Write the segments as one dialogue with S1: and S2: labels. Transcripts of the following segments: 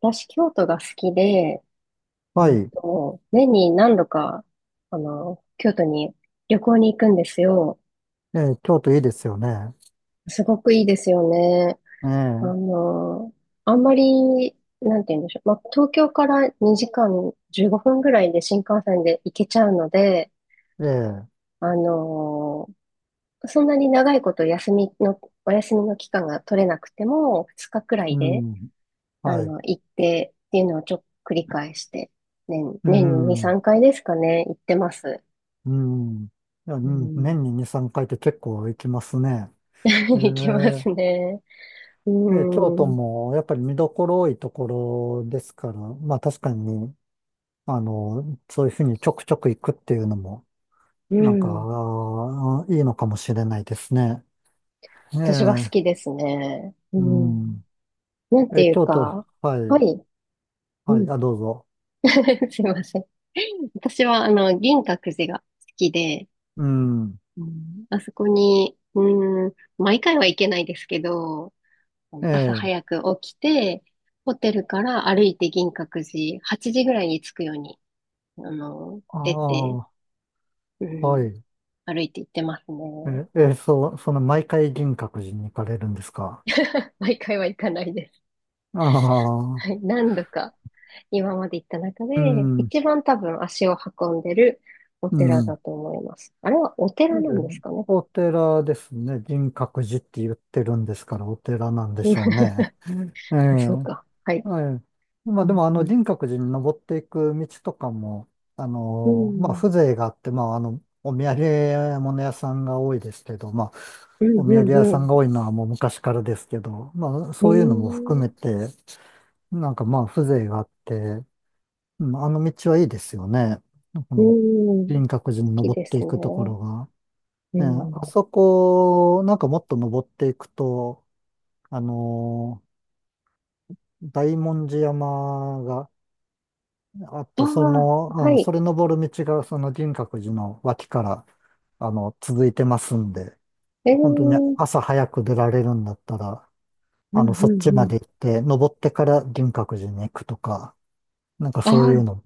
S1: 私、京都が好きで、
S2: はい。
S1: と年に何度か、京都に旅行に行くんですよ。
S2: ええ、京都いいですよね。
S1: すごくいいですよね。あ
S2: え
S1: の、あんまり、なんて言うんでしょう。まあ、東京から2時間15分ぐらいで新幹線で行けちゃうので、
S2: え、ええ、
S1: あの、そんなに長いこと休みの、お休みの期間が取れなくても、2日くらい
S2: う
S1: で、
S2: ん。はい。
S1: 行ってっていうのをちょっと繰り返して、年、
S2: う
S1: 年に2、
S2: ん、
S1: 3回ですかね、行ってます。
S2: うん。いや、う
S1: う
S2: ん、
S1: ん。
S2: 年に2、3回って結構行きますね。ええ、
S1: 行きますね。う
S2: で、京都
S1: ん。
S2: もやっぱり見どころ多いところですから、まあ確かに、そういうふうにちょくちょく行くっていうのも、
S1: う
S2: なんか、
S1: ん。
S2: あーいいのかもしれないですね。え
S1: 私は好
S2: え、
S1: きですね。う
S2: う
S1: ん。
S2: ん。
S1: なんて
S2: え、
S1: いう
S2: 京都、
S1: か、
S2: は
S1: は
S2: い、
S1: い。う
S2: はい、
S1: ん。
S2: あ、どうぞ。
S1: すいません。私は、銀閣寺が好きで、
S2: うん。
S1: うん、あそこに、うん、毎回は行けないですけど、
S2: え
S1: 朝
S2: え、
S1: 早く起きて、ホテルから歩いて銀閣寺、8時ぐらいに着くように、
S2: あ
S1: 出て、
S2: あ、
S1: う
S2: は
S1: ん、
S2: い。
S1: 歩いて行ってますね。
S2: え、え、そう、その毎回銀閣寺に行かれるんですか？
S1: 毎回は行かないです。
S2: あ
S1: はい、
S2: あ、
S1: 何度か今まで行った中
S2: う
S1: で、
S2: ん、
S1: 一番多分足を運んでるお
S2: う
S1: 寺だ
S2: ん。
S1: と思います。あれはお
S2: で、
S1: 寺なんですかね。
S2: お寺ですね。銀閣寺って言ってるんですから、お寺なんで
S1: うん。
S2: しょうね。ええ、
S1: そうか。はい。
S2: はい。ま
S1: う
S2: あでも、
S1: ん
S2: 銀閣寺に登っていく道とかも、あ
S1: う
S2: の、まあ、
S1: ん。
S2: 風情があって、まあ、あの、お土産物屋さんが多いですけど、まあ、
S1: うん。う
S2: お
S1: ん。
S2: 土産
S1: う
S2: 屋
S1: んう
S2: さん
S1: ん。
S2: が多いのはもう昔からですけど、まあ、
S1: う
S2: そういうのも含
S1: ん。
S2: めて、なんかまあ風情があって、うん、あの道はいいですよね。こ
S1: う
S2: の
S1: ん、好
S2: 輪郭寺に
S1: き
S2: 登っ
S1: です
S2: てい
S1: ね。
S2: くところが。
S1: う
S2: ね、あ
S1: ん。
S2: そこ、なんかもっと登っていくと、あのー大文字山があっ
S1: あ
S2: て、その、
S1: あ、は
S2: うん、そ
S1: い。
S2: れ登る道がその輪郭寺の脇から、あの、続いてますんで、
S1: ええ、
S2: 本当に
S1: うん
S2: 朝早く出られるんだったら、
S1: う
S2: あ
S1: ん
S2: の、そっち
S1: う
S2: ま
S1: ん。
S2: で行って、登ってから輪郭寺に行くとか、なんかそ
S1: あ
S2: うい
S1: あ、
S2: うの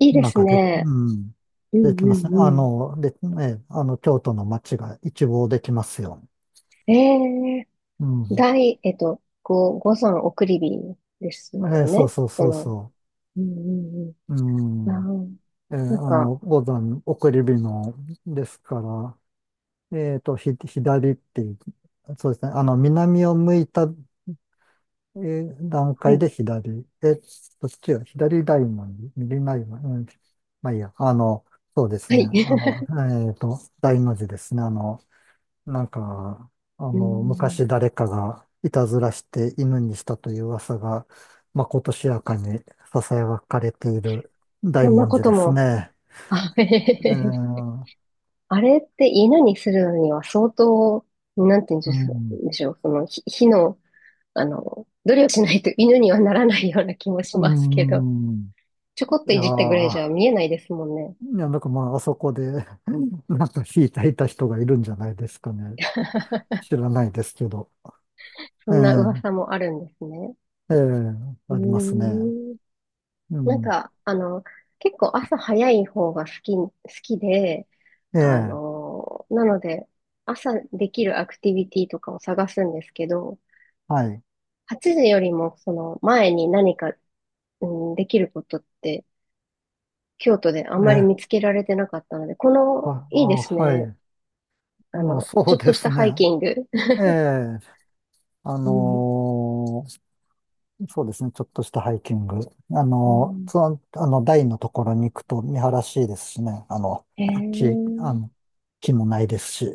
S1: いいで
S2: なん
S1: す
S2: かで、
S1: ね。
S2: うん。
S1: うん
S2: でき
S1: う
S2: ます
S1: ん
S2: ね。
S1: うん。
S2: で、ね、あの、京都の街が一望できますよ。
S1: ええ、
S2: うん。
S1: 大、えっと、ご、ご山送り火ですよ
S2: そう
S1: ね。
S2: そうそうそ
S1: うんうん
S2: う。う
S1: うん。
S2: ん。
S1: ああ、なん
S2: あ
S1: か、
S2: の、五段送り火のですから、ひ、左っていう、そうですね。あの、南を向いた、段
S1: は
S2: 階
S1: い。
S2: で左。え、どっちが左大門、右大門、うん。まあいいや。あの、そうです
S1: は
S2: ね。あ
S1: い。
S2: の、大の字ですね。あの、なんか、あ
S1: う
S2: の、
S1: ん。
S2: 昔誰かがいたずらして犬にしたという噂が、まことしやかに囁かれている大
S1: そんな
S2: 文
S1: こ
S2: 字
S1: と
S2: です
S1: も。
S2: ね。
S1: あ、へへへ
S2: え
S1: へ、
S2: ー、
S1: あれって稲にするのには相当、なんて言うん
S2: う
S1: でしょ
S2: ん、
S1: う、その火の、努力しないと犬にはならないような気もし
S2: う
S1: ますけど、
S2: ん、
S1: ちょこっ
S2: い
S1: とい
S2: や
S1: じったぐらいじゃ
S2: ー、
S1: 見えないですもんね。
S2: いや、なんかまあ、あそこで なんか引いていた人がいるんじゃないですかね。知らないですけど。
S1: そ
S2: え
S1: んな
S2: ー、
S1: 噂もあるんですね。
S2: ええ
S1: う
S2: ありますね。
S1: ーん。
S2: う
S1: なん
S2: ん、
S1: か、結構朝早い方が好きで、
S2: ええ
S1: なので、朝できるアクティビティとかを探すんですけど、
S2: はい。
S1: 8時よりもその前に何か、うん、できることって京都であんまり
S2: え
S1: 見つ
S2: え
S1: けられてなかったので、こ
S2: あ、
S1: の、
S2: あ、
S1: いいです
S2: は
S1: ね。
S2: い。まあ、そ
S1: ち
S2: う
S1: ょっと
S2: で
S1: した
S2: すね。
S1: ハイキング。
S2: ええ、あ
S1: うん、
S2: のーそうですね、ちょっとしたハイキング。
S1: うん、
S2: その、あの、台のところに行くと見晴らしいですしね、あの、
S1: へえ、う
S2: 木、あ
S1: ん
S2: の、木もないですし。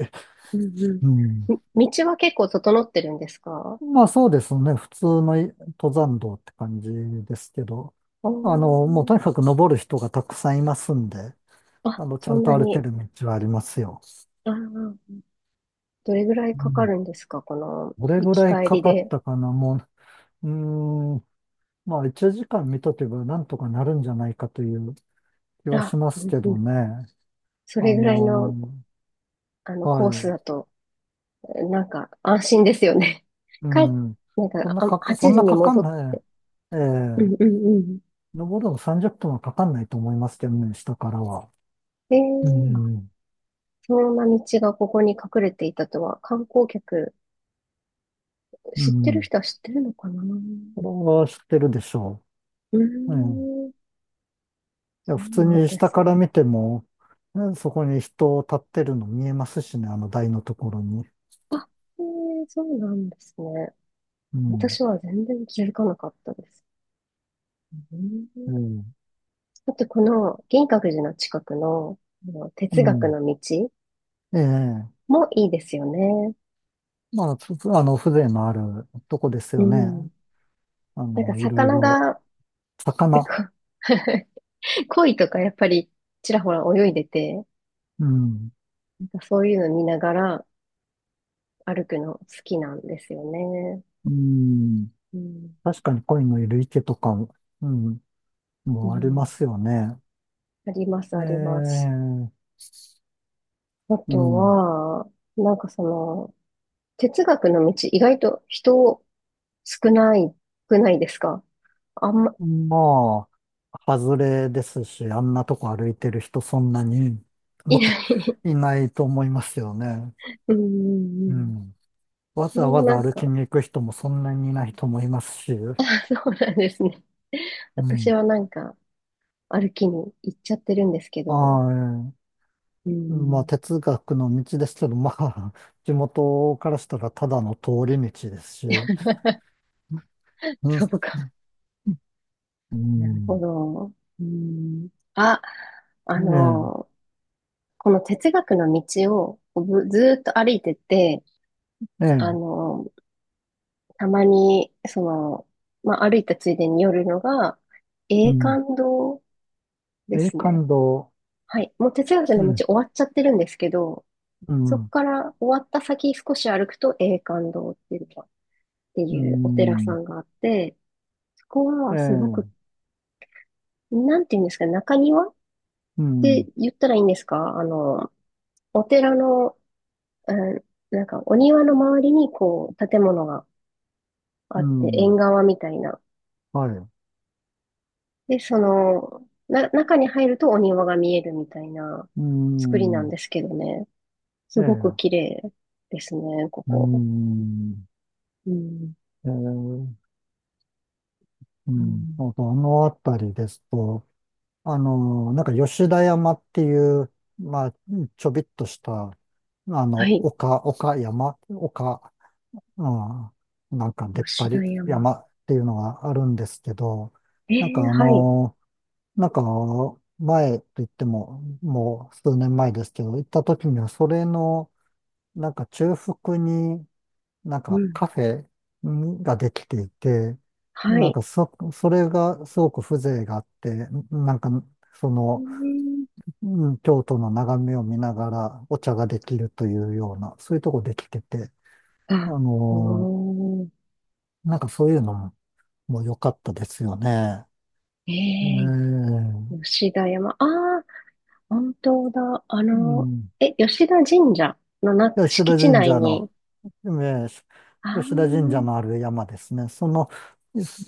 S1: うん。
S2: うん。
S1: 道は結構整ってるんですか？
S2: まあそうですね、普通のい登山道って感じですけど、
S1: お
S2: あの、もう
S1: ー、
S2: とにかく登る人がたくさんいますんで、
S1: あ、
S2: あの、ちゃ
S1: そ
S2: ん
S1: んな
S2: と歩け
S1: に。
S2: る道はありますよ。
S1: ああ、どれぐらい
S2: う
S1: かか
S2: ん。
S1: るんですかこの、
S2: どれ
S1: 行
S2: ぐ
S1: き
S2: らい
S1: 帰
S2: か
S1: り
S2: かっ
S1: で。
S2: たかな、もう、うーんまあ、1時間見とけばなんとかなるんじゃないかという気は
S1: あ、
S2: しま
S1: う
S2: すけ
S1: んう
S2: ど
S1: ん。
S2: ね。
S1: そ
S2: あ
S1: れぐらいの、
S2: のは
S1: コース
S2: い。
S1: だと、なんか、安心ですよね。
S2: う
S1: 帰っ、
S2: ん。
S1: なん
S2: そ
S1: か、
S2: んな
S1: あ、
S2: かか、そ
S1: 8
S2: ん
S1: 時
S2: な
S1: に
S2: かか
S1: 戻
S2: ん
S1: っ、
S2: ない。え
S1: う
S2: え
S1: んうんうん。
S2: 登るの30分はかかんないと思いますけどね、下からは。
S1: え
S2: う
S1: ー、
S2: ん。
S1: そんな道がここに隠れていたとは、観光客、
S2: う
S1: 知ってる
S2: ん。
S1: 人は知ってるのかな。う
S2: これは知ってるでしょ
S1: ー
S2: う。うん。い
S1: ん、
S2: や、
S1: そ
S2: 普
S1: う
S2: 通
S1: なん
S2: に
S1: で
S2: 下
S1: す
S2: から
S1: ね。
S2: 見ても、ね、そこに人立ってるの見えますしね、あの台のところに。
S1: あ、そうなんですね。
S2: うん。
S1: 私は全然気づかなかったです。うん。
S2: ええ
S1: あと、この銀閣寺の近くの、あの
S2: う
S1: 哲学
S2: ん。
S1: の道
S2: ええ
S1: もいいですよね。
S2: まあ、ふあの、風情のあるとこです
S1: う
S2: よ
S1: ん。
S2: ね。あ
S1: なんか
S2: の、いろい
S1: 魚
S2: ろ、
S1: が、なん
S2: 魚、
S1: か、 鯉とかやっぱりちらほら泳いでて、
S2: うん、
S1: なんかそういうの見ながら歩くの好きなんですよね。
S2: うん、
S1: うん。
S2: 確かに鯉のいる池とかも、うん、
S1: う
S2: もうありま
S1: ん。
S2: すよね。
S1: あります、
S2: え
S1: あります。
S2: え、
S1: あ
S2: う
S1: と
S2: ん、
S1: は、なんかその、哲学の道、意外と人少ない、少ないですか？あんま、
S2: まあ、外れですし、あんなとこ歩いてる人そんなにも
S1: い
S2: っ
S1: な
S2: と
S1: い。
S2: いないと思いますよね。
S1: うんうんう
S2: う
S1: ん。
S2: ん。わ
S1: それ
S2: ざ
S1: も
S2: わ
S1: な
S2: ざ
S1: ん
S2: 歩き
S1: か、
S2: に行く人もそんなにいないと思いますし、
S1: あ、そうなんですね。
S2: う
S1: 私
S2: ん。
S1: はなんか、歩きに行っちゃってるんですけど、
S2: はい。
S1: う
S2: まあ、
S1: ん、
S2: 哲学の道ですけど、まあ、地元からしたらただの通り道ですし、うん、
S1: そうか。
S2: う
S1: なるほ
S2: ん、
S1: ど。うん、あ、あの、この哲学の道をこうずーっと歩いてて、
S2: ええ、え
S1: あ
S2: え、
S1: の、たまに、まあ、歩いたついでに寄るのが、
S2: う
S1: 永
S2: ん、
S1: 観堂で
S2: ええ、
S1: すね。
S2: 感動、
S1: はい。もう哲学
S2: う
S1: の
S2: ん、
S1: 道終わっちゃってるんですけど、
S2: う
S1: そこ
S2: ん、
S1: から終わった先少し歩くと永観堂っていうか、って
S2: う
S1: いうお寺さ
S2: ん、
S1: んがあって、そこ
S2: え
S1: はすご
S2: え、
S1: く、なんていうんですかね、中庭っ
S2: う
S1: て
S2: ん、
S1: 言ったらいいんですか？お寺の、うん、なんかお庭の周りにこう建物があ
S2: う
S1: って、縁
S2: ん、
S1: 側みたいな。
S2: はい、
S1: で、中に入るとお庭が見えるみたいな
S2: う
S1: 作りなん
S2: ん、
S1: ですけどね。
S2: え
S1: すごく
S2: え、
S1: 綺麗ですね、こ
S2: う
S1: こ。
S2: ん、
S1: うん。
S2: ええ、う
S1: う
S2: ん、
S1: ん、
S2: あと、あのあたりですと、あの、なんか吉田山っていう、まあ、ちょびっとした、あ
S1: は
S2: の、
S1: い。
S2: 丘、丘山、丘、うん、なんか出っ張
S1: 吉田
S2: り
S1: 山。
S2: 山っていうのがあるんですけど、
S1: え
S2: なんか
S1: え、
S2: あ
S1: はい。
S2: の、なんか前と言っても、もう数年前ですけど、行った時にはそれの、なんか中腹になん
S1: う
S2: か
S1: ん。
S2: カフェんができていて、
S1: は
S2: なん
S1: い。
S2: かそ、それがすごく風情があって、なんかその、
S1: ええ、
S2: うん、京都の眺めを見ながらお茶ができるというような、そういうとこできてて、あ
S1: あ、
S2: のー
S1: おー。
S2: なんかそういうのも良かったですよね。ええ
S1: ええ、
S2: う
S1: 吉田山。ああ、本当だ。
S2: ん。
S1: え、吉田神社の
S2: 吉
S1: 敷
S2: 田
S1: 地
S2: 神
S1: 内
S2: 社の、
S1: に。
S2: えー
S1: ああ、
S2: 吉田神社のある山ですね。その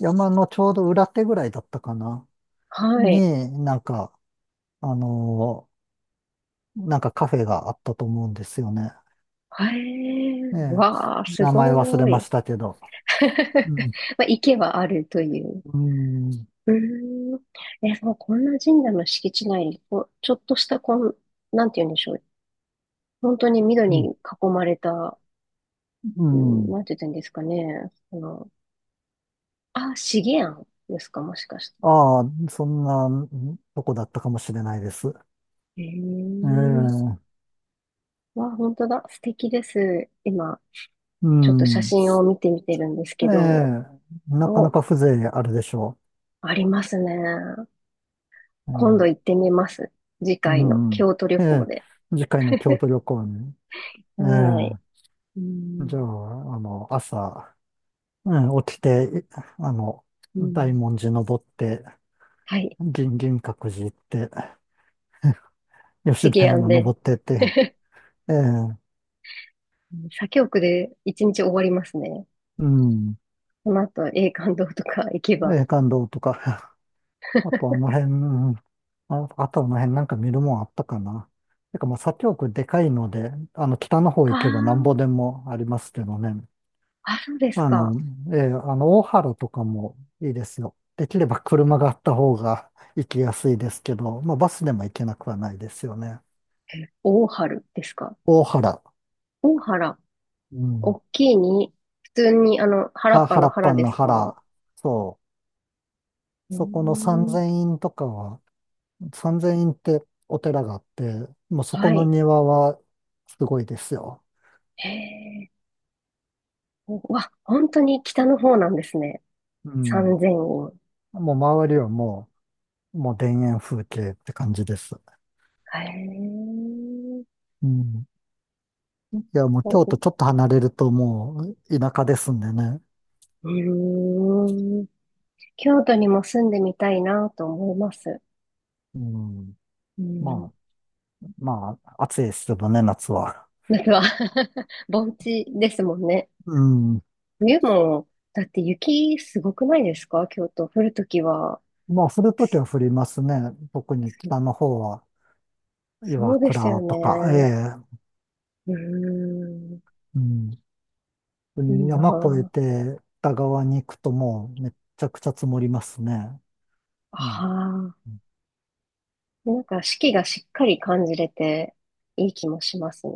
S2: 山のちょうど裏手ぐらいだったかな、
S1: はい。
S2: になんか、あのなんかカフェがあったと思うんですよね。
S1: ええ、
S2: ええ
S1: わあ、す
S2: 名前忘
S1: ご
S2: れま
S1: い。
S2: したけど。う ん。
S1: まあ、池はあるという。
S2: うん。
S1: うーん。え、そう、こんな神社の敷地内に、こう、ちょっとしたなんて言うんでしょう。本当に緑
S2: うん。
S1: に囲まれた。
S2: う
S1: うん、
S2: ん、
S1: なんて言ったんですかね。あ、資源ですか、もしかして。
S2: ああ、そんなとこだったかもしれないです。
S1: へ
S2: え
S1: え。
S2: え、
S1: わ、本当だ。素敵です。今、
S2: う
S1: ちょっと写
S2: ん。
S1: 真を見てみてるんです
S2: え
S1: けど、
S2: え、なかな
S1: お、
S2: か風情あるでしょ
S1: ありますね。
S2: う。え
S1: 今度
S2: え、
S1: 行ってみます。次
S2: う
S1: 回の
S2: ん、うん。
S1: 京都旅
S2: え
S1: 行
S2: え、
S1: で。
S2: 次回の京都旅行に。え
S1: はい。
S2: え、
S1: う
S2: じゃあ、
S1: ん、
S2: あの、朝、うん、起きて、い、あの、
S1: う
S2: 大
S1: ん。
S2: 文字登って、
S1: はい。
S2: 銀、銀閣寺行って、
S1: 資
S2: 吉田
S1: 源
S2: 山
S1: で、
S2: 登ってって、ええ、
S1: うん左京区で一日終わりますね。
S2: うん、
S1: その後、永観堂とか行けば。
S2: ええ感動とかあとあの辺、うん、あ、あとあの辺なんか見るもんあったかな。てかまあ左京区でかいので、あの北の方行けばなんぼ
S1: あ
S2: でもありますけどね。
S1: あ、あ、そうです
S2: あの、
S1: か。
S2: あの大原とかもいいですよ。できれば車があった方が行きやすいですけど、まあバスでも行けなくはないですよね。
S1: え、大原ですか。
S2: 大原。
S1: 大原。
S2: うん。
S1: 大きいに、普通に、原っ
S2: は、
S1: ぱ
S2: 原
S1: の
S2: っぱ
S1: 原
S2: ん
S1: で
S2: の
S1: すか？
S2: 原。そう。
S1: うー
S2: そこの三
S1: ん、
S2: 千院とかは、三千院ってお寺があって、もうそこ
S1: は
S2: の
S1: い。
S2: 庭はすごいですよ。
S1: へえ。うわ、本当に北の方なんですね。
S2: うん。
S1: 三千院。
S2: もう周りはもう田園風景って感じです。
S1: へえ。
S2: うん。いや、もう
S1: お
S2: 京都
S1: う
S2: ちょっと離れるともう田舎ですんでね。
S1: ーん。京都にも住んでみたいなと思います。
S2: うん。
S1: う
S2: ま
S1: ん。
S2: あ、暑いですけどね、夏は。
S1: 夏は。 盆地ですもんね。
S2: うん。
S1: 冬も、だって雪すごくないですか京都。降るときは。
S2: まあ、降るときは降りますね。特に北
S1: そ
S2: の方は、岩
S1: そうですよ
S2: 倉とか、え
S1: ね。
S2: え。
S1: うーん。
S2: うん。
S1: いい
S2: 山越え
S1: な。
S2: て北側に行くともうめっちゃくちゃ積もりますね。う
S1: あ
S2: ん。
S1: あ、なんか四季がしっかり感じれていい気もしますね。